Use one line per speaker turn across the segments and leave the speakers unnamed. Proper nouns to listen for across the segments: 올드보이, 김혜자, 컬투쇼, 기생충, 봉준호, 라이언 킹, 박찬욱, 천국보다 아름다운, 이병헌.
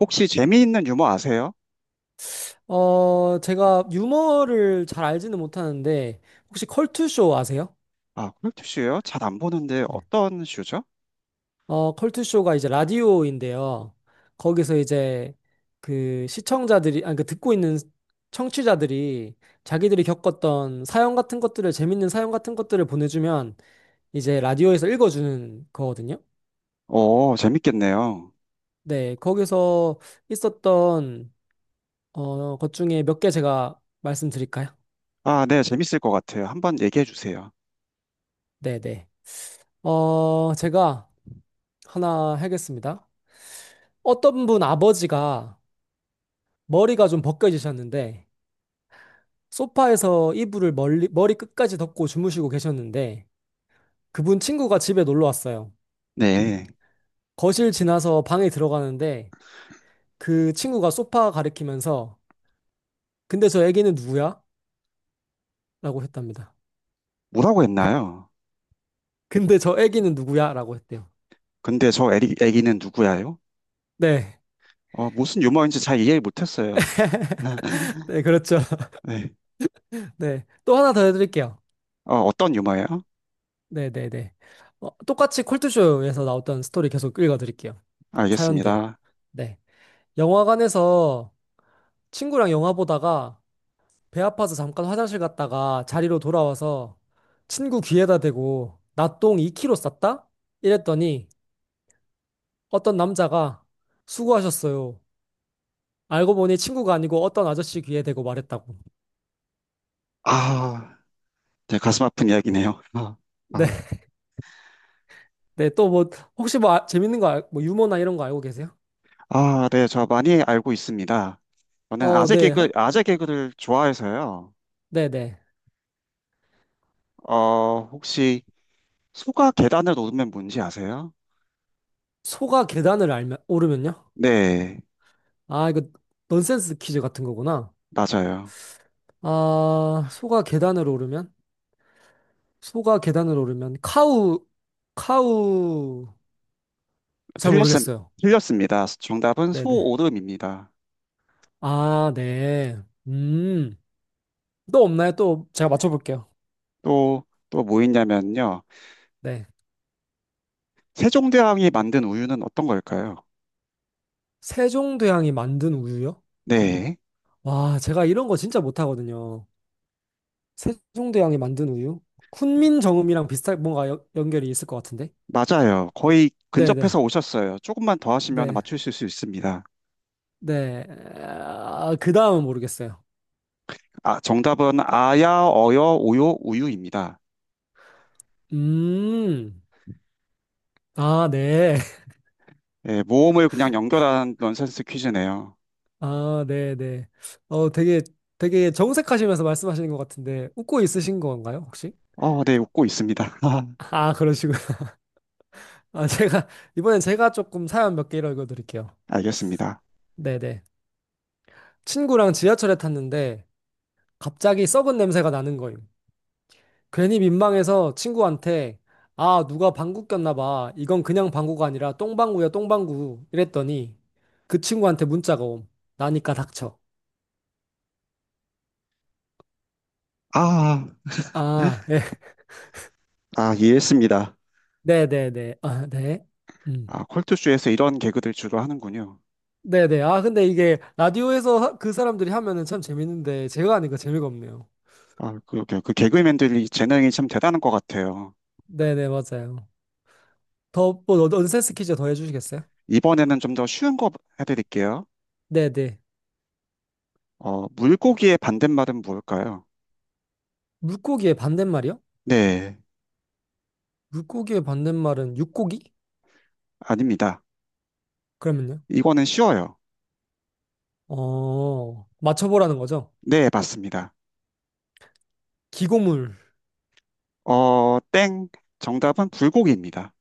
혹시 재미있는 유머 아세요?
제가 유머를 잘 알지는 못하는데, 혹시 컬투쇼 아세요?
아, 컬투쇼요? 잘 안 보는데
네.
어떤 쇼죠?
컬투쇼가 이제 라디오인데요. 거기서 이제 그 시청자들이, 아니, 그 듣고 있는 청취자들이 자기들이 겪었던 사연 같은 것들을, 재밌는 사연 같은 것들을 보내주면 이제 라디오에서 읽어주는 거거든요.
오, 재밌겠네요.
네, 거기서 있었던, 것 중에 몇 개 제가 말씀드릴까요?
아, 네, 재밌을 것 같아요. 한번 얘기해 주세요.
네네. 제가 하나 하겠습니다. 어떤 분 아버지가 머리가 좀 벗겨지셨는데 소파에서 이불을 멀리, 머리 끝까지 덮고 주무시고 계셨는데 그분 친구가 집에 놀러 왔어요.
네,
거실 지나서 방에 들어가는데 그 친구가 소파 가리키면서 근데 저 애기는 누구야? 라고 했답니다.
뭐라고 했나요?
근데 저 애기는 누구야? 라고 했대요.
근데 저 애기, 애기는 누구야요?
네.
무슨 유머인지 잘 이해 못했어요.
네, 그렇죠.
네,
네. 또 하나 더 해드릴게요.
어떤 유머예요?
네, 네, 네. 똑같이 콜투쇼에서 나왔던 스토리 계속 읽어드릴게요. 사연들.
알겠습니다.
네. 영화관에서 친구랑 영화 보다가 배 아파서 잠깐 화장실 갔다가 자리로 돌아와서 친구 귀에다 대고 나 똥2 k 로 쌌다? 이랬더니 어떤 남자가 수고하셨어요. 알고 보니 친구가 아니고 어떤 아저씨 귀에 대고 말했다고.
아, 네, 가슴 아픈 이야기네요. 아,
네,
아,
네, 또 뭐, 혹시 뭐 재밌는 거, 뭐 유머나 이런 거 알고 계세요?
아, 네, 저 많이 알고 있습니다. 저는 아재
네,
개그, 아재 개그를 좋아해서요.
네, 네.
혹시 소가 계단을 오르면 뭔지 아세요?
소가 계단을 알면, 오르면요?
네,
아, 이거 넌센스 퀴즈 같은 거구나.
맞아요.
아, 소가 계단을 오르면? 소가 계단을 오르면 카우 카우 잘
틀렸음,
모르겠어요.
틀렸습니다. 정답은
네네.
소오름입니다.
아, 네. 음. 또 없나요? 또 제가 맞춰볼게요.
또, 또 뭐 있냐면요.
네.
세종대왕이 만든 우유는 어떤 걸까요?
세종대왕이 만든 우유요?
네,
와, 제가 이런 거 진짜 못하거든요. 세종대왕이 만든 우유? 훈민정음이랑 비슷한 뭔가 연- 연결이 있을 것 같은데?
맞아요. 거의
네네.
근접해서 오셨어요. 조금만 더 하시면
네.
맞추실 수 있습니다.
네. 아, 그 다음은 모르겠어요.
아, 정답은 아야, 어여, 오요, 우유입니다.
음. 아, 네.
예, 모음을 그냥 연결한 넌센스 퀴즈네요.
아, 네네. 어, 되게, 되게 정색하시면서 말씀하시는 것 같은데, 웃고 있으신 건가요, 혹시?
네, 웃고 있습니다.
아, 그러시군. 아, 제가, 이번엔 제가 조금 사연 몇 개 읽어드릴게요.
알겠습니다.
네네. 친구랑 지하철에 탔는데, 갑자기 썩은 냄새가 나는 거임. 괜히 민망해서 친구한테, 아, 누가 방구 꼈나 봐. 이건 그냥 방구가 아니라 똥방구야, 똥방구. 이랬더니, 그 친구한테 문자가 옴. 나니까 닥쳐.
아,
아, 예.
아, 이해했습니다.
네네네. 아, 네. 음.
아, 컬투쇼에서 이런 개그들 주로 하는군요.
네네. 아, 근데 이게 라디오에서 그 사람들이 하면은 참 재밌는데 제가 하니까 재미가 없네요.
아, 그, 그, 그 개그맨들이 재능이 참 대단한 것 같아요.
네네, 맞아요. 더, 뭐, 넌- 센스 퀴즈 더 해주시겠어요?
이번에는 좀 더 쉬운 거 해드릴게요.
네네.
물고기의 반대말은 뭘까요?
물고기의 반대말이요?
네,
물고기의 반대말은 육고기?
아닙니다.
그러면요?
이거는 쉬워요.
맞춰보라는 거죠?
네, 맞습니다.
기고물.
어, 땡. 정답은 불고기입니다.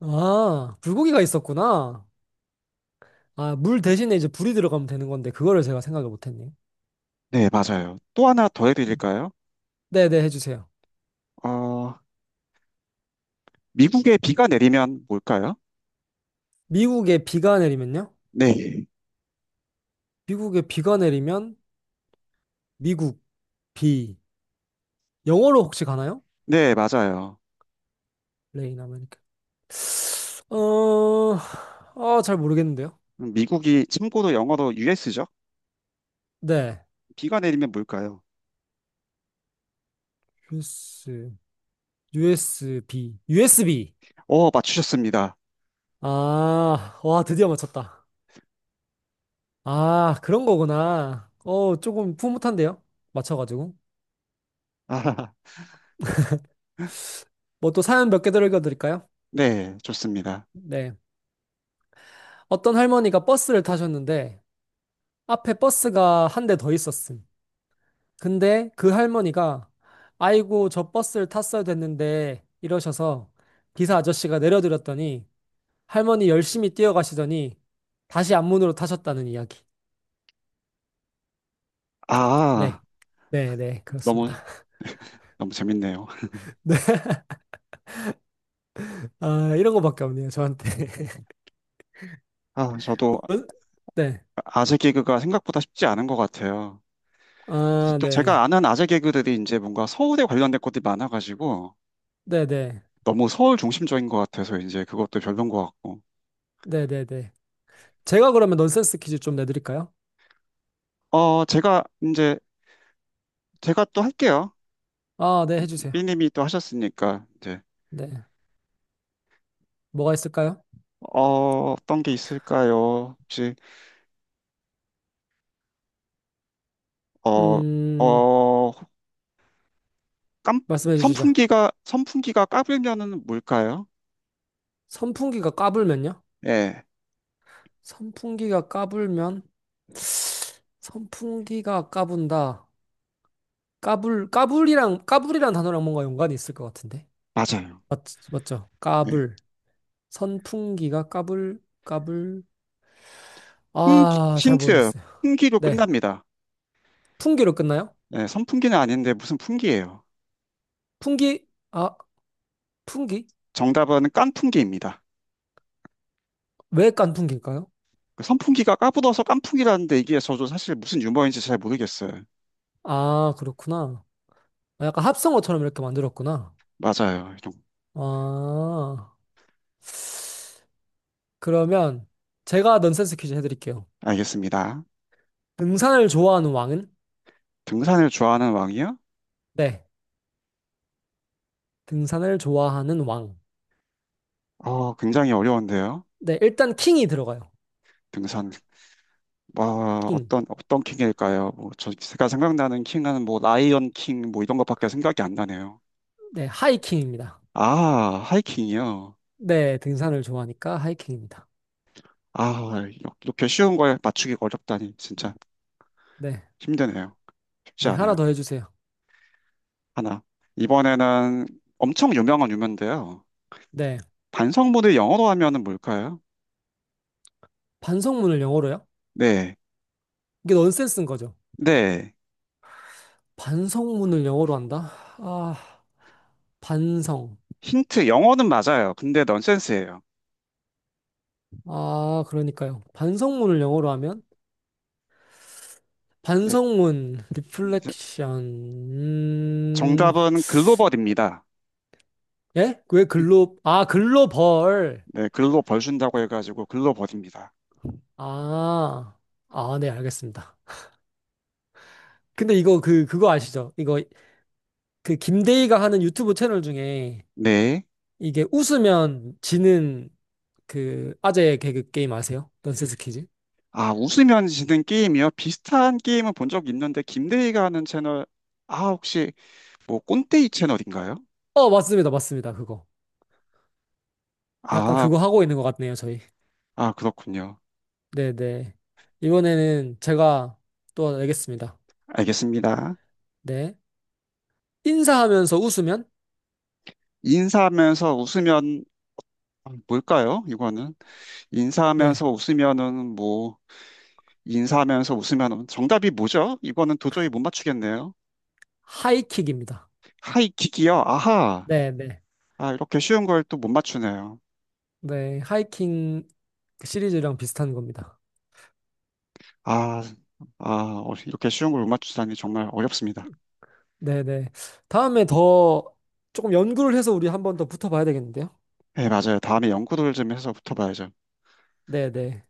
아, 불고기가 있었구나. 아, 물 대신에 이제 불이 들어가면 되는 건데 그거를 제가 생각을 못했네요.
네, 맞아요. 또 하나 더 해드릴까요?
네네, 해주세요.
어, 미국에 비가 내리면 뭘까요?
미국에 비가 내리면요?
네,
미국에 비가 내리면 미국 비. 영어로 혹시 가나요?
네, 맞아요.
레인 아메리카. 어, 아, 잘 모르겠는데요.
미국이 참고로 영어로 US죠?
네.
비가 내리면 뭘까요?
US, USB, USB.
어, 맞추셨습니다.
아, 와, 드디어 맞췄다. 아, 그런 거구나. 어, 조금 풋풋한데요? 맞춰가지고.
아,
뭐 또 사연 몇 개 더 읽어드릴까요?
네, 좋습니다.
네. 어떤 할머니가 버스를 타셨는데, 앞에 버스가 한 대 더 있었음. 근데 그 할머니가, 아이고, 저 버스를 탔어야 됐는데, 이러셔서 기사 아저씨가 내려드렸더니, 할머니 열심히 뛰어가시더니 다시 앞문으로 타셨다는 이야기. 네.
아,
네, 네,
너무,
그렇습니다.
너무 재밌네요.
네. 아, 이런 거밖에 없네요, 저한테.
아, 저도
논- 네.
아재 개그가 생각보다 쉽지 않은 것 같아요.
아,
또
네.
제가 아는 아재 개그들이 이제 뭔가 서울에 관련된 것들이 많아가지고
네, 네.
너무 서울 중심적인 것 같아서 이제 그것도 별론 것 같고.
네, 네, 네. 제가 그러면 넌센스 퀴즈 좀 내드릴까요?
어, 제가 이제, 제가 또 할게요.
아, 네, 해주세요.
삐님이 또 하셨으니까 이제,
네. 뭐가 있을까요?
어떤 게 있을까요? 혹시, 어,
음,
어, 깜,
말씀해 주시죠.
선풍기가 까불면은 뭘까요?
선풍기가 까불면요?
예,
선풍기가 까불면? 선풍기가 까분다. 까불, 까불이랑, 까불이란 단어랑 뭔가 연관이 있을 것 같은데.
맞아요.
맞, 맞죠? 까불. 선풍기가 까불, 까불.
풍기,
아, 잘
힌트,
모르겠어요.
풍기로
네.
끝납니다.
풍기로 끝나요?
네, 선풍기는 아닌데 무슨 풍기예요.
풍기, 아, 풍기?
정답은 깐풍기입니다.
왜 깐풍기일까요?
그 선풍기가 까불어서 깐풍기라는데 이게 저도 사실 무슨 유머인지 잘 모르겠어요.
아, 그렇구나. 아, 약간 합성어처럼 이렇게 만들었구나.
맞아요. 이런-
아, 그러면 제가 넌센스 퀴즈 해드릴게요.
알겠습니다.
등산을 좋아하는 왕은?
등산을 좋아하는 왕이요?
네. 등산을 좋아하는 왕.
어, 굉장히 어려운데요.
네, 일단 킹이 들어가요.
등산, 와,
킹.
어떤, 어떤 킹일까요? 뭐, 저, 제가 생각나는 킹은 뭐, 라이언 킹, 뭐, 이런 것밖에 생각이 안 나네요.
네, 하이킹입니다.
아, 하이킹이요.
네, 등산을 좋아하니까 하이킹입니다.
아, 이렇게 쉬운 걸 맞추기가 어렵다니, 진짜
네,
힘드네요. 쉽지
네, 하나
않아요.
더 해주세요.
하나. 이번에는 엄청 유명한 유명인데요.
네.
반성문을 영어로 하면은 뭘까요?
반성문을 영어로요?
네.
이게 넌센스인 거죠.
네.
반성문을 영어로 한다? 아, 반성.
힌트, 영어는 맞아요. 근데 넌센스예요.
아, 그러니까요. 반성문을 영어로 하면?
예,
반성문, 리플렉션,
정답은 글로벌입니다.
예? 왜 글로, 아, 글로벌.
네, 글로 벌준다고 해가지고 글로 벌입니다.
아, 아, 네, 알겠습니다. 근데 이거, 그, 그거 아시죠? 이거, 그, 김대희가 하는 유튜브 채널 중에
네.
이게 웃으면 지는 그 아재 개그 게임 아세요? 넌센스 퀴즈?
아, 웃으면 지는 게임이요? 비슷한 게임은 본 적 있는데, 김대희가 하는 채널, 아, 혹시 뭐 꼰대이 채널인가요?
어, 맞습니다. 맞습니다. 그거. 약간
아,
그거 하고 있는 것 같네요, 저희.
아, 그렇군요.
네네. 이번에는 제가 또 내겠습니다.
알겠습니다.
네. 인사하면서 웃으면?
인사하면서 웃으면 뭘까요? 이거는
네.
인사하면서 웃으면은 뭐 인사하면서 웃으면은 정답이 뭐죠? 이거는 도저히 못 맞추겠네요.
하이킥입니다.
하이킥이요? 아하.
네네.
아, 이렇게 쉬운 걸 또 못 맞추네요.
네. 하이킹 시리즈랑 비슷한 겁니다.
아, 아, 이렇게 쉬운 걸 못 맞추다니 정말 어렵습니다.
네네. 다음에 더 조금 연구를 해서 우리 한번 더 붙어봐야 되겠는데요?
네, 맞아요. 다음에 연구를 좀 해서 붙어봐야죠.
네네.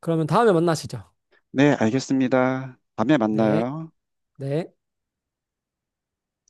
그러면 다음에 만나시죠.
네, 알겠습니다. 다음에
네.
만나요.
네.